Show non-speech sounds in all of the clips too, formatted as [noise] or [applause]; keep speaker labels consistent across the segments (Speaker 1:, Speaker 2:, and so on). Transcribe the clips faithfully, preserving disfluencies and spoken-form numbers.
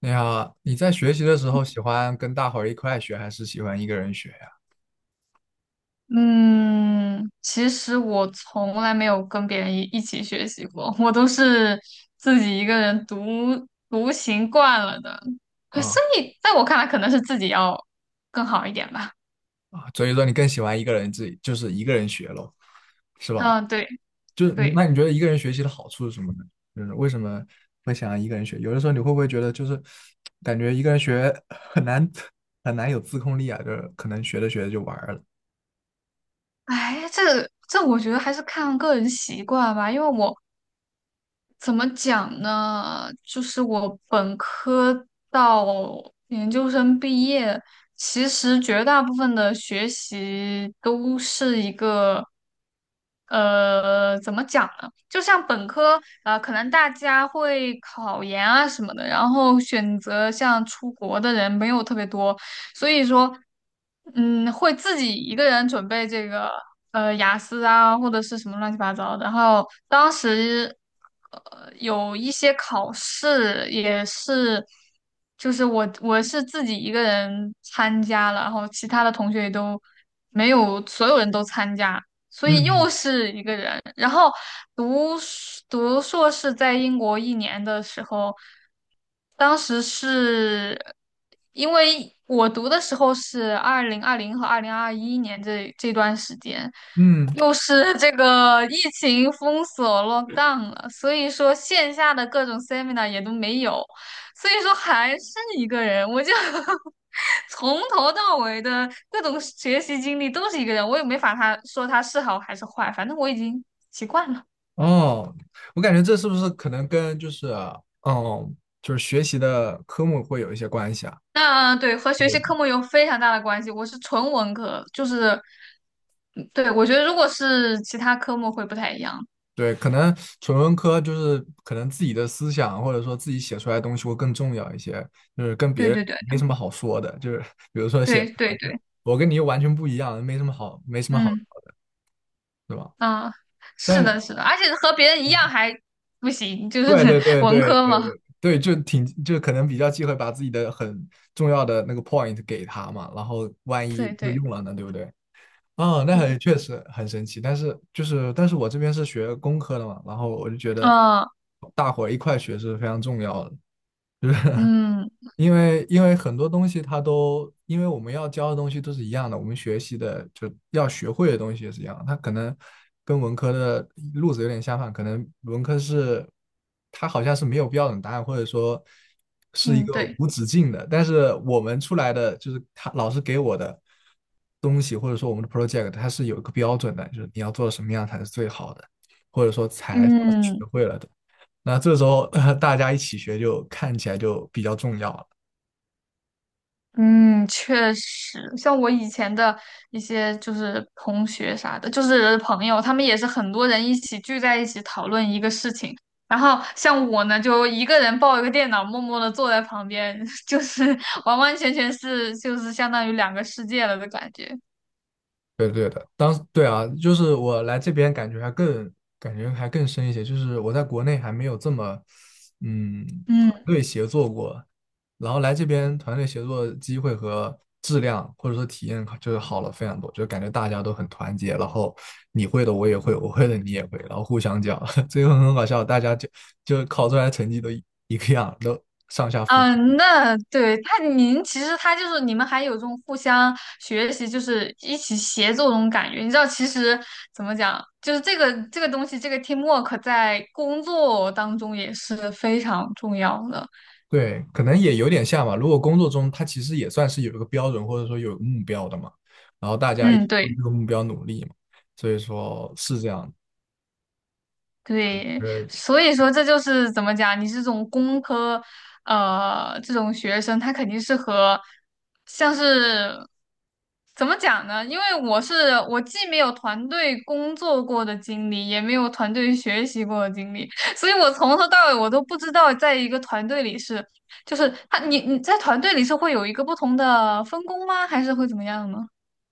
Speaker 1: 你好，你在学习的时候喜欢跟大伙儿一块学，还是喜欢一个人学呀？
Speaker 2: 嗯，其实我从来没有跟别人一一起学习过，我都是自己一个人独独行惯了的。可所
Speaker 1: 啊
Speaker 2: 以在我看来，可能是自己要更好一点吧。
Speaker 1: 啊，所以说你更喜欢一个人自己，就是一个人学咯，是吧？
Speaker 2: 嗯，对
Speaker 1: 就是你那
Speaker 2: 对，
Speaker 1: 你觉得一个人学习的好处是什么呢？就是为什么会想要一个人学？有的时候你会不会觉得就是感觉一个人学很难很难有自控力啊？就是可能学着学着就玩儿了。
Speaker 2: 哎，这这我觉得还是看个人习惯吧，因为我怎么讲呢？就是我本科到研究生毕业，其实绝大部分的学习都是一个，呃，怎么讲呢？就像本科，呃，可能大家会考研啊什么的，然后选择像出国的人没有特别多，所以说，嗯，会自己一个人准备这个呃雅思啊，或者是什么乱七八糟的。然后当时呃有一些考试也是，就是我我是自己一个人参加了，然后其他的同学也都没有，所有人都参加。所以
Speaker 1: 嗯
Speaker 2: 又是一个人。然后读硕读硕士在英国一年的时候，当时是因为我读的时候是二零二零和二零二一年这这段时间，
Speaker 1: 嗯嗯，
Speaker 2: 又是这个疫情封锁 lockdown 了，所以说线下的各种 seminar 也都没有。所以说还是一个人，我就 [laughs] 从头到尾的各种学习经历都是一个人，我也没法他说他是好还是坏，反正我已经习惯了。
Speaker 1: 哦，我感觉这是不是可能跟就是哦，嗯就是学习的科目会有一些关系啊？
Speaker 2: 那对和学
Speaker 1: 对
Speaker 2: 习科目有非常大的关系，我是纯文科，就是，嗯对，我觉得如果是其他科目会不太一样。
Speaker 1: 对，可能纯文科就是可能自己的思想或者说自己写出来的东西会更重要一些，就是跟别
Speaker 2: 对
Speaker 1: 人
Speaker 2: 对对
Speaker 1: 没什么好说的，就是比如说写，
Speaker 2: 对
Speaker 1: 呃
Speaker 2: 对
Speaker 1: 对，
Speaker 2: 对，
Speaker 1: 我跟你又完全不一样，没什么好，没什么好，
Speaker 2: 嗯
Speaker 1: 对吧？
Speaker 2: 啊，是
Speaker 1: 但是，
Speaker 2: 的，是的，而且和别人一样还不行，就是
Speaker 1: 对对
Speaker 2: [laughs]
Speaker 1: 对
Speaker 2: 文
Speaker 1: 对
Speaker 2: 科嘛。
Speaker 1: 对对，就挺就可能比较忌讳把自己的很重要的那个 point 给他嘛，然后万一
Speaker 2: 对
Speaker 1: 就
Speaker 2: 对
Speaker 1: 用了呢，对不对？啊，那很
Speaker 2: 对，
Speaker 1: 确实很神奇，但是就是，但是我这边是学工科的嘛，然后我就觉得
Speaker 2: 啊
Speaker 1: 大伙儿一块学是非常重要的。[laughs]
Speaker 2: 嗯
Speaker 1: 因为因为很多东西它都，因为我们要教的东西都是一样的，我们学习的就要学会的东西也是一样的它可能跟文科的路子有点相反，可能文科是它好像是没有标准答案，或者说是一
Speaker 2: 嗯，
Speaker 1: 个
Speaker 2: 对。
Speaker 1: 无止境的。但是我们出来的就是他老师给我的东西，或者说我们的 project，它是有一个标准的，就是你要做的什么样才是最好的，或者说才算是学
Speaker 2: 嗯
Speaker 1: 会了的。那这时候，[laughs] 大家一起学就看起来就比较重要了。
Speaker 2: 嗯，确实，像我以前的一些就是同学啥的，就是朋友，他们也是很多人一起聚在一起讨论一个事情。然后像我呢，就一个人抱一个电脑，默默的坐在旁边，[laughs] 就是完完全全是就是相当于两个世界了的感觉。
Speaker 1: 对的对的，当对啊，就是我来这边感觉还更感觉还更深一些，就是我在国内还没有这么嗯团
Speaker 2: 嗯
Speaker 1: 队协作过，然后来这边团队协作机会和质量或者说体验就是好了非常多，就感觉大家都很团结，然后你会的我也会，我会的你也会，然后互相讲，[laughs] 最后很搞笑，大家就就考出来成绩都一一个样，都上下浮。
Speaker 2: 嗯，那对他，您其实他就是你们还有这种互相学习，就是一起协作这种感觉。你知道，其实怎么讲，就是这个这个东西，这个 teamwork 在工作当中也是非常重要的。
Speaker 1: 对，可能也有点像吧。如果工作中他其实也算是有一个标准，或者说有一个目标的嘛，然后大家一
Speaker 2: 嗯，
Speaker 1: 起为
Speaker 2: 对。
Speaker 1: 这个目标努力嘛，所以说是这样。
Speaker 2: 对，
Speaker 1: 呃
Speaker 2: 所以说这就是怎么讲，你是这种工科，呃，这种学生，他肯定是和像是怎么讲呢？因为我是我既没有团队工作过的经历，也没有团队学习过的经历，[laughs] 所以我从头到尾我都不知道，在一个团队里是，就是他你你在团队里是会有一个不同的分工吗？还是会怎么样呢？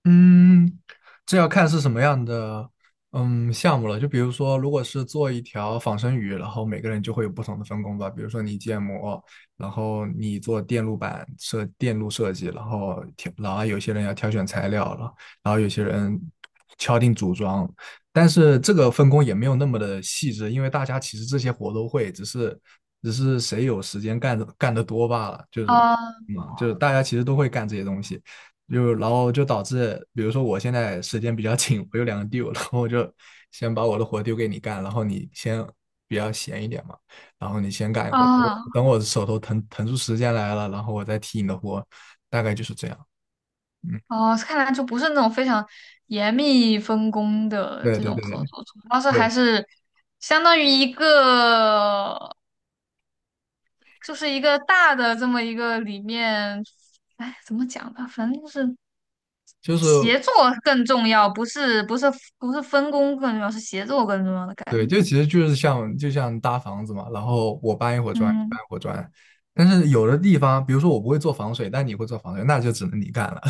Speaker 1: 嗯，这要看是什么样的嗯项目了。就比如说，如果是做一条仿生鱼，然后每个人就会有不同的分工吧。比如说你建模，然后你做电路板设电路设计，然后老然后有些人要挑选材料了，然后有些人敲定组装。但是这个分工也没有那么的细致，因为大家其实这些活都会，只是只是谁有时间干的干得多罢了。就是，
Speaker 2: 啊
Speaker 1: 嗯，就是大家其实都会干这些东西。就然后就导致，比如说我现在时间比较 [laughs] 紧，我有两个 due，然后我就先把我的活丢给你干，然后你先比较闲一点嘛，然后你先干一会儿，等我
Speaker 2: 啊
Speaker 1: 等我手头腾腾出时间来了，然后我再替你的活，大概就是这样。嗯，
Speaker 2: 哦，看来就不是那种非常严密分工的
Speaker 1: 对
Speaker 2: 这
Speaker 1: 对
Speaker 2: 种
Speaker 1: 对
Speaker 2: 合
Speaker 1: 对
Speaker 2: 作，主要是还
Speaker 1: 对，
Speaker 2: 是相当于一个，就是一个大的这么一个里面，哎，怎么讲呢？反正就是
Speaker 1: 就是
Speaker 2: 协作更重要，不是不是不是分工更重要，是协作更重要的感
Speaker 1: 对，
Speaker 2: 觉。
Speaker 1: 就其实就是像就像搭房子嘛，然后我搬一会儿砖，你搬
Speaker 2: 嗯，
Speaker 1: 一会儿砖，但是有的地方，比如说我不会做防水，但你会做防水，那就只能你干了。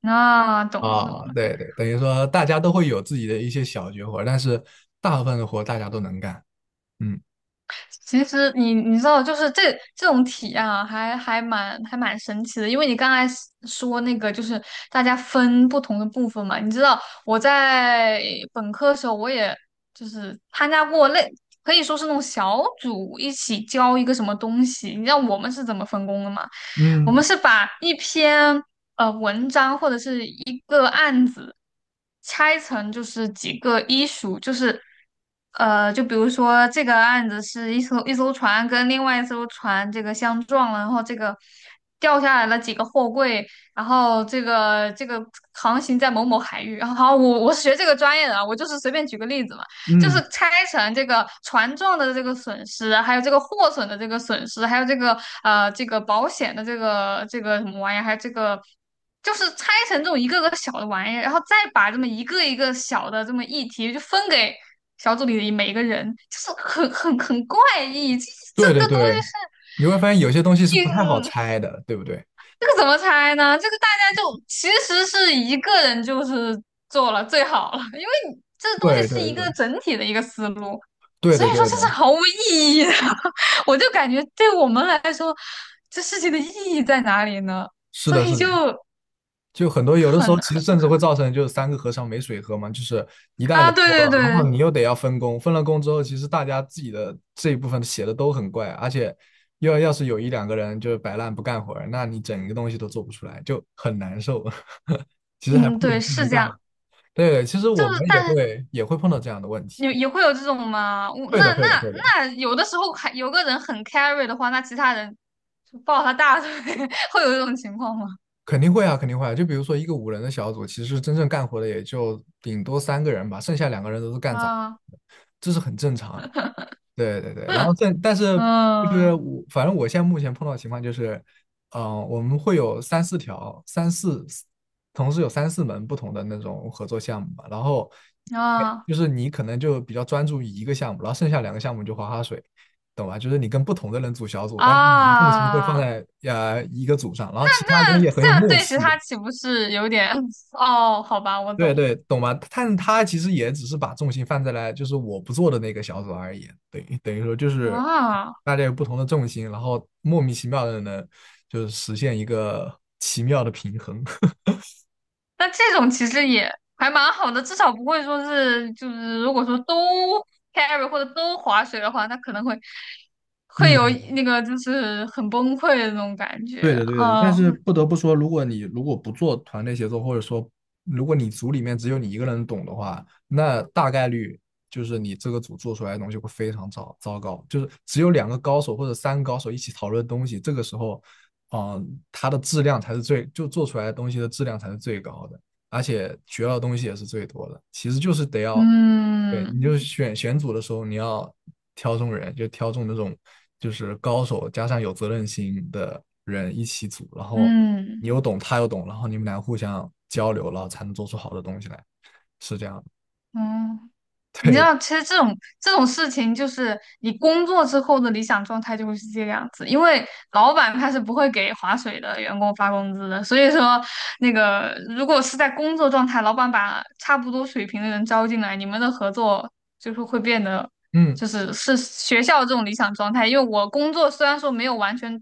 Speaker 2: 那懂了懂
Speaker 1: 啊，
Speaker 2: 了。
Speaker 1: 对对，等于说大家都会有自己的一些小绝活，但是大部分的活大家都能干。嗯
Speaker 2: 其实你你知道，就是这这种体验啊，还还蛮还蛮神奇的。因为你刚才 s- 说那个，就是大家分不同的部分嘛。你知道，我在本科的时候，我也就是参加过类，可以说是那种小组一起教一个什么东西。你知道我们是怎么分工的吗？我
Speaker 1: 嗯
Speaker 2: 们是把一篇呃文章或者是一个案子拆成就是几个医属，就是呃，就比如说这个案子是一艘一艘船跟另外一艘船这个相撞了，然后这个掉下来了几个货柜，然后这个这个航行在某某海域，[laughs] 然后好，我我是学这个专业的啊，我就是随便举个例子嘛。就
Speaker 1: 嗯，
Speaker 2: 是拆成这个船撞的这个损失，还有这个货损的这个损失，还有这个呃这个保险的这个这个什么玩意儿，还有这个就是拆成这种一个个小的玩意儿，然后再把这么一个一个小的这么议题就分给小组里的每一个人，就是很很很怪异，这
Speaker 1: 对
Speaker 2: 这
Speaker 1: 对
Speaker 2: 个东西
Speaker 1: 对，
Speaker 2: 是。
Speaker 1: 你会发现有些东西是不太好
Speaker 2: 嗯，
Speaker 1: 拆的，对不对？
Speaker 2: 这个怎么猜呢？这个大家就其实是一个人就是做了最好了，因为你这东西
Speaker 1: 对
Speaker 2: 是
Speaker 1: 对
Speaker 2: 一
Speaker 1: 对，
Speaker 2: 个整体的一个思路，
Speaker 1: 对
Speaker 2: 所以
Speaker 1: 的
Speaker 2: 说
Speaker 1: 对的，
Speaker 2: 这是毫无意义的。[laughs] 我就感觉对我们来说，这事情的意义在哪里呢？
Speaker 1: 是
Speaker 2: 所
Speaker 1: 的是
Speaker 2: 以
Speaker 1: 的，
Speaker 2: 就
Speaker 1: 就很多有的时
Speaker 2: 很
Speaker 1: 候其
Speaker 2: 很
Speaker 1: 实甚至会造成就是三个和尚没水喝嘛，就是一旦
Speaker 2: 啊，
Speaker 1: 人多
Speaker 2: 对对
Speaker 1: 了，然
Speaker 2: 对，
Speaker 1: 后你又得要分工，分了工之后，其实大家自己的这一部分写的都很怪，而且要要是有一两个人就是摆烂不干活儿那你整个东西都做不出来，就很难受。[laughs] 其实还不
Speaker 2: 嗯，
Speaker 1: 如一
Speaker 2: 对，
Speaker 1: 个人
Speaker 2: 是这
Speaker 1: 干
Speaker 2: 样，
Speaker 1: 了。对，其实
Speaker 2: 就
Speaker 1: 我们
Speaker 2: 是
Speaker 1: 也
Speaker 2: 但
Speaker 1: 会也会碰到这样的问题，
Speaker 2: 也也会有这种嘛，我
Speaker 1: 会的，
Speaker 2: 那
Speaker 1: 会的，
Speaker 2: 那
Speaker 1: 会的，
Speaker 2: 那有的时候还有个人很 carry 的话，那其他人就抱他大腿，[laughs] 会有这种情况吗？
Speaker 1: 肯定会啊，肯定会啊。就比如说一个五人的小组，其实真正干活的也就顶多三个人吧，剩下两个人都是干杂活
Speaker 2: 啊。
Speaker 1: 的这是很正常的。对对对，然后但但是就是
Speaker 2: 嗯
Speaker 1: 我反正我现在目前碰到的情况就是，嗯、我们会有三四条、三四同时有三四门不同的那种合作项目吧，然后哎
Speaker 2: 啊
Speaker 1: 就是你可能就比较专注于一个项目，然后剩下两个项目就划划水，懂吧？就是你跟不同的人组小组，但是你的重心会放
Speaker 2: 啊，
Speaker 1: 在呃一个组上，然后其他
Speaker 2: 那
Speaker 1: 人也很
Speaker 2: 这
Speaker 1: 有
Speaker 2: 样
Speaker 1: 默
Speaker 2: 对其
Speaker 1: 契的。
Speaker 2: 他岂不是有点？哦，好吧，我
Speaker 1: 对
Speaker 2: 懂
Speaker 1: 对，懂吧？但他其实也只是把重心放在了就是我不做的那个小组而已，等于等于说就是
Speaker 2: 啊。
Speaker 1: 大家有不同的重心，然后莫名其妙的呢，就是实现一个奇妙的平衡。[laughs]
Speaker 2: 那这种其实也还蛮好的，至少不会说是就是如果说都 carry 或者都划水的话，那可能会会有
Speaker 1: 嗯，
Speaker 2: 那个就是很崩溃的那种感觉
Speaker 1: 对的，对的，
Speaker 2: 啊。
Speaker 1: 但是不得不说，如果你如果不做团队协作，或者说如果你组里面只有你一个人懂的话，那大概率就是你这个组做出来的东西会非常糟糟糕。就是只有两个高手或者三个高手一起讨论东西，这个时候，嗯、它的质量才是最，就做出来的东西的质量才是最高的，而且学到的东西也是最多的。其实就是得要，对，你
Speaker 2: 嗯
Speaker 1: 就是选选组的时候，你要挑中人，就挑中那种就是高手加上有责任心的人一起组，然后
Speaker 2: 嗯
Speaker 1: 你又懂，他又懂，然后你们俩互相交流，了，才能做出好的东西来，是这样的。
Speaker 2: 嗯。嗯你知
Speaker 1: 对，
Speaker 2: 道，其实这种这种事情，就是你工作之后的理想状态就会是这个样子，因为老板他是不会给划水的员工发工资的，所以说那个如果是在工作状态，老板把差不多水平的人招进来，你们的合作就是会变得，
Speaker 1: 嗯，
Speaker 2: 就是是学校这种理想状态，因为我工作虽然说没有完全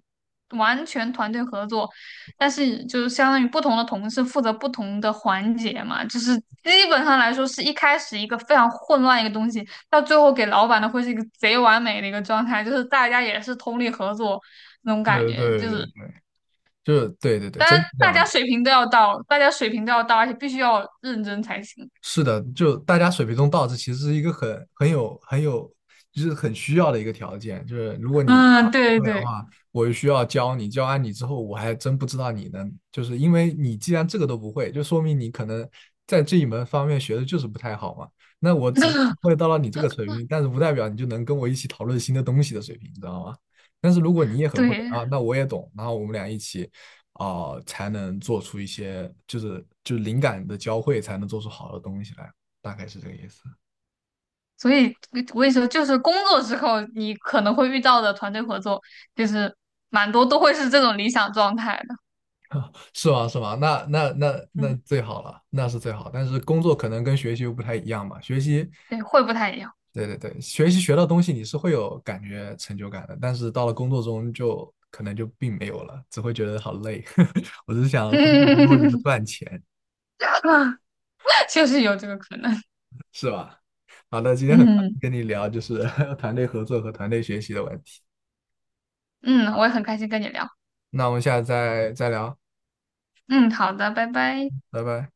Speaker 2: 完全团队合作，但是就是相当于不同的同事负责不同的环节嘛，就是基本上来说是一开始一个非常混乱一个东西，到最后给老板的会是一个贼完美的一个状态，就是大家也是通力合作那种感
Speaker 1: 对
Speaker 2: 觉，就
Speaker 1: 对
Speaker 2: 是
Speaker 1: 对对对，就是对对对，
Speaker 2: 当
Speaker 1: 真
Speaker 2: 然
Speaker 1: 是这
Speaker 2: 大
Speaker 1: 样
Speaker 2: 家
Speaker 1: 的
Speaker 2: 水平都要到，大家水平都要到，而且必须要认真才行。
Speaker 1: 是的，就大家水平中到，这其实是一个很很有很有，就是很需要的一个条件。就是如果你答
Speaker 2: 嗯，对
Speaker 1: 不会的
Speaker 2: 对
Speaker 1: 话，我就需要教你，教完你之后，我还真不知道你能，就是因为你既然这个都不会，就说明你可能在这一门方面学的就是不太好嘛。那我只会到了你这个水平，但是不代表你就能跟我一起讨论新的东西的水平，你知道吗？但是如果你也很会
Speaker 2: 对，
Speaker 1: 啊，那我也懂，然后我们俩一起哦、呃才能做出一些就是就是灵感的交汇，才能做出好的东西来，大概是这个意思，
Speaker 2: 所以我跟你说，就是工作之后你可能会遇到的团队合作，就是蛮多都会是这种理想状态的。
Speaker 1: 是吗？是吗？那那那那
Speaker 2: 嗯，
Speaker 1: 最好了，那是最好。但是工作可能跟学习又不太一样嘛，学习，
Speaker 2: 对，会不太一样。
Speaker 1: 对对对，学习学到东西你是会有感觉成就感的，但是到了工作中就可能就并没有了，只会觉得好累。[laughs] 我只是想浑水摸鱼的
Speaker 2: [laughs]
Speaker 1: 赚钱，
Speaker 2: 就是有这个可能。
Speaker 1: 是吧？好的，今天很高
Speaker 2: 嗯
Speaker 1: 兴跟你聊就是 [laughs] 团队合作和团队学习的问题，
Speaker 2: 嗯，我也很开心跟你聊。
Speaker 1: 那我们下次再再聊，
Speaker 2: 嗯，好的，拜拜。
Speaker 1: 拜拜。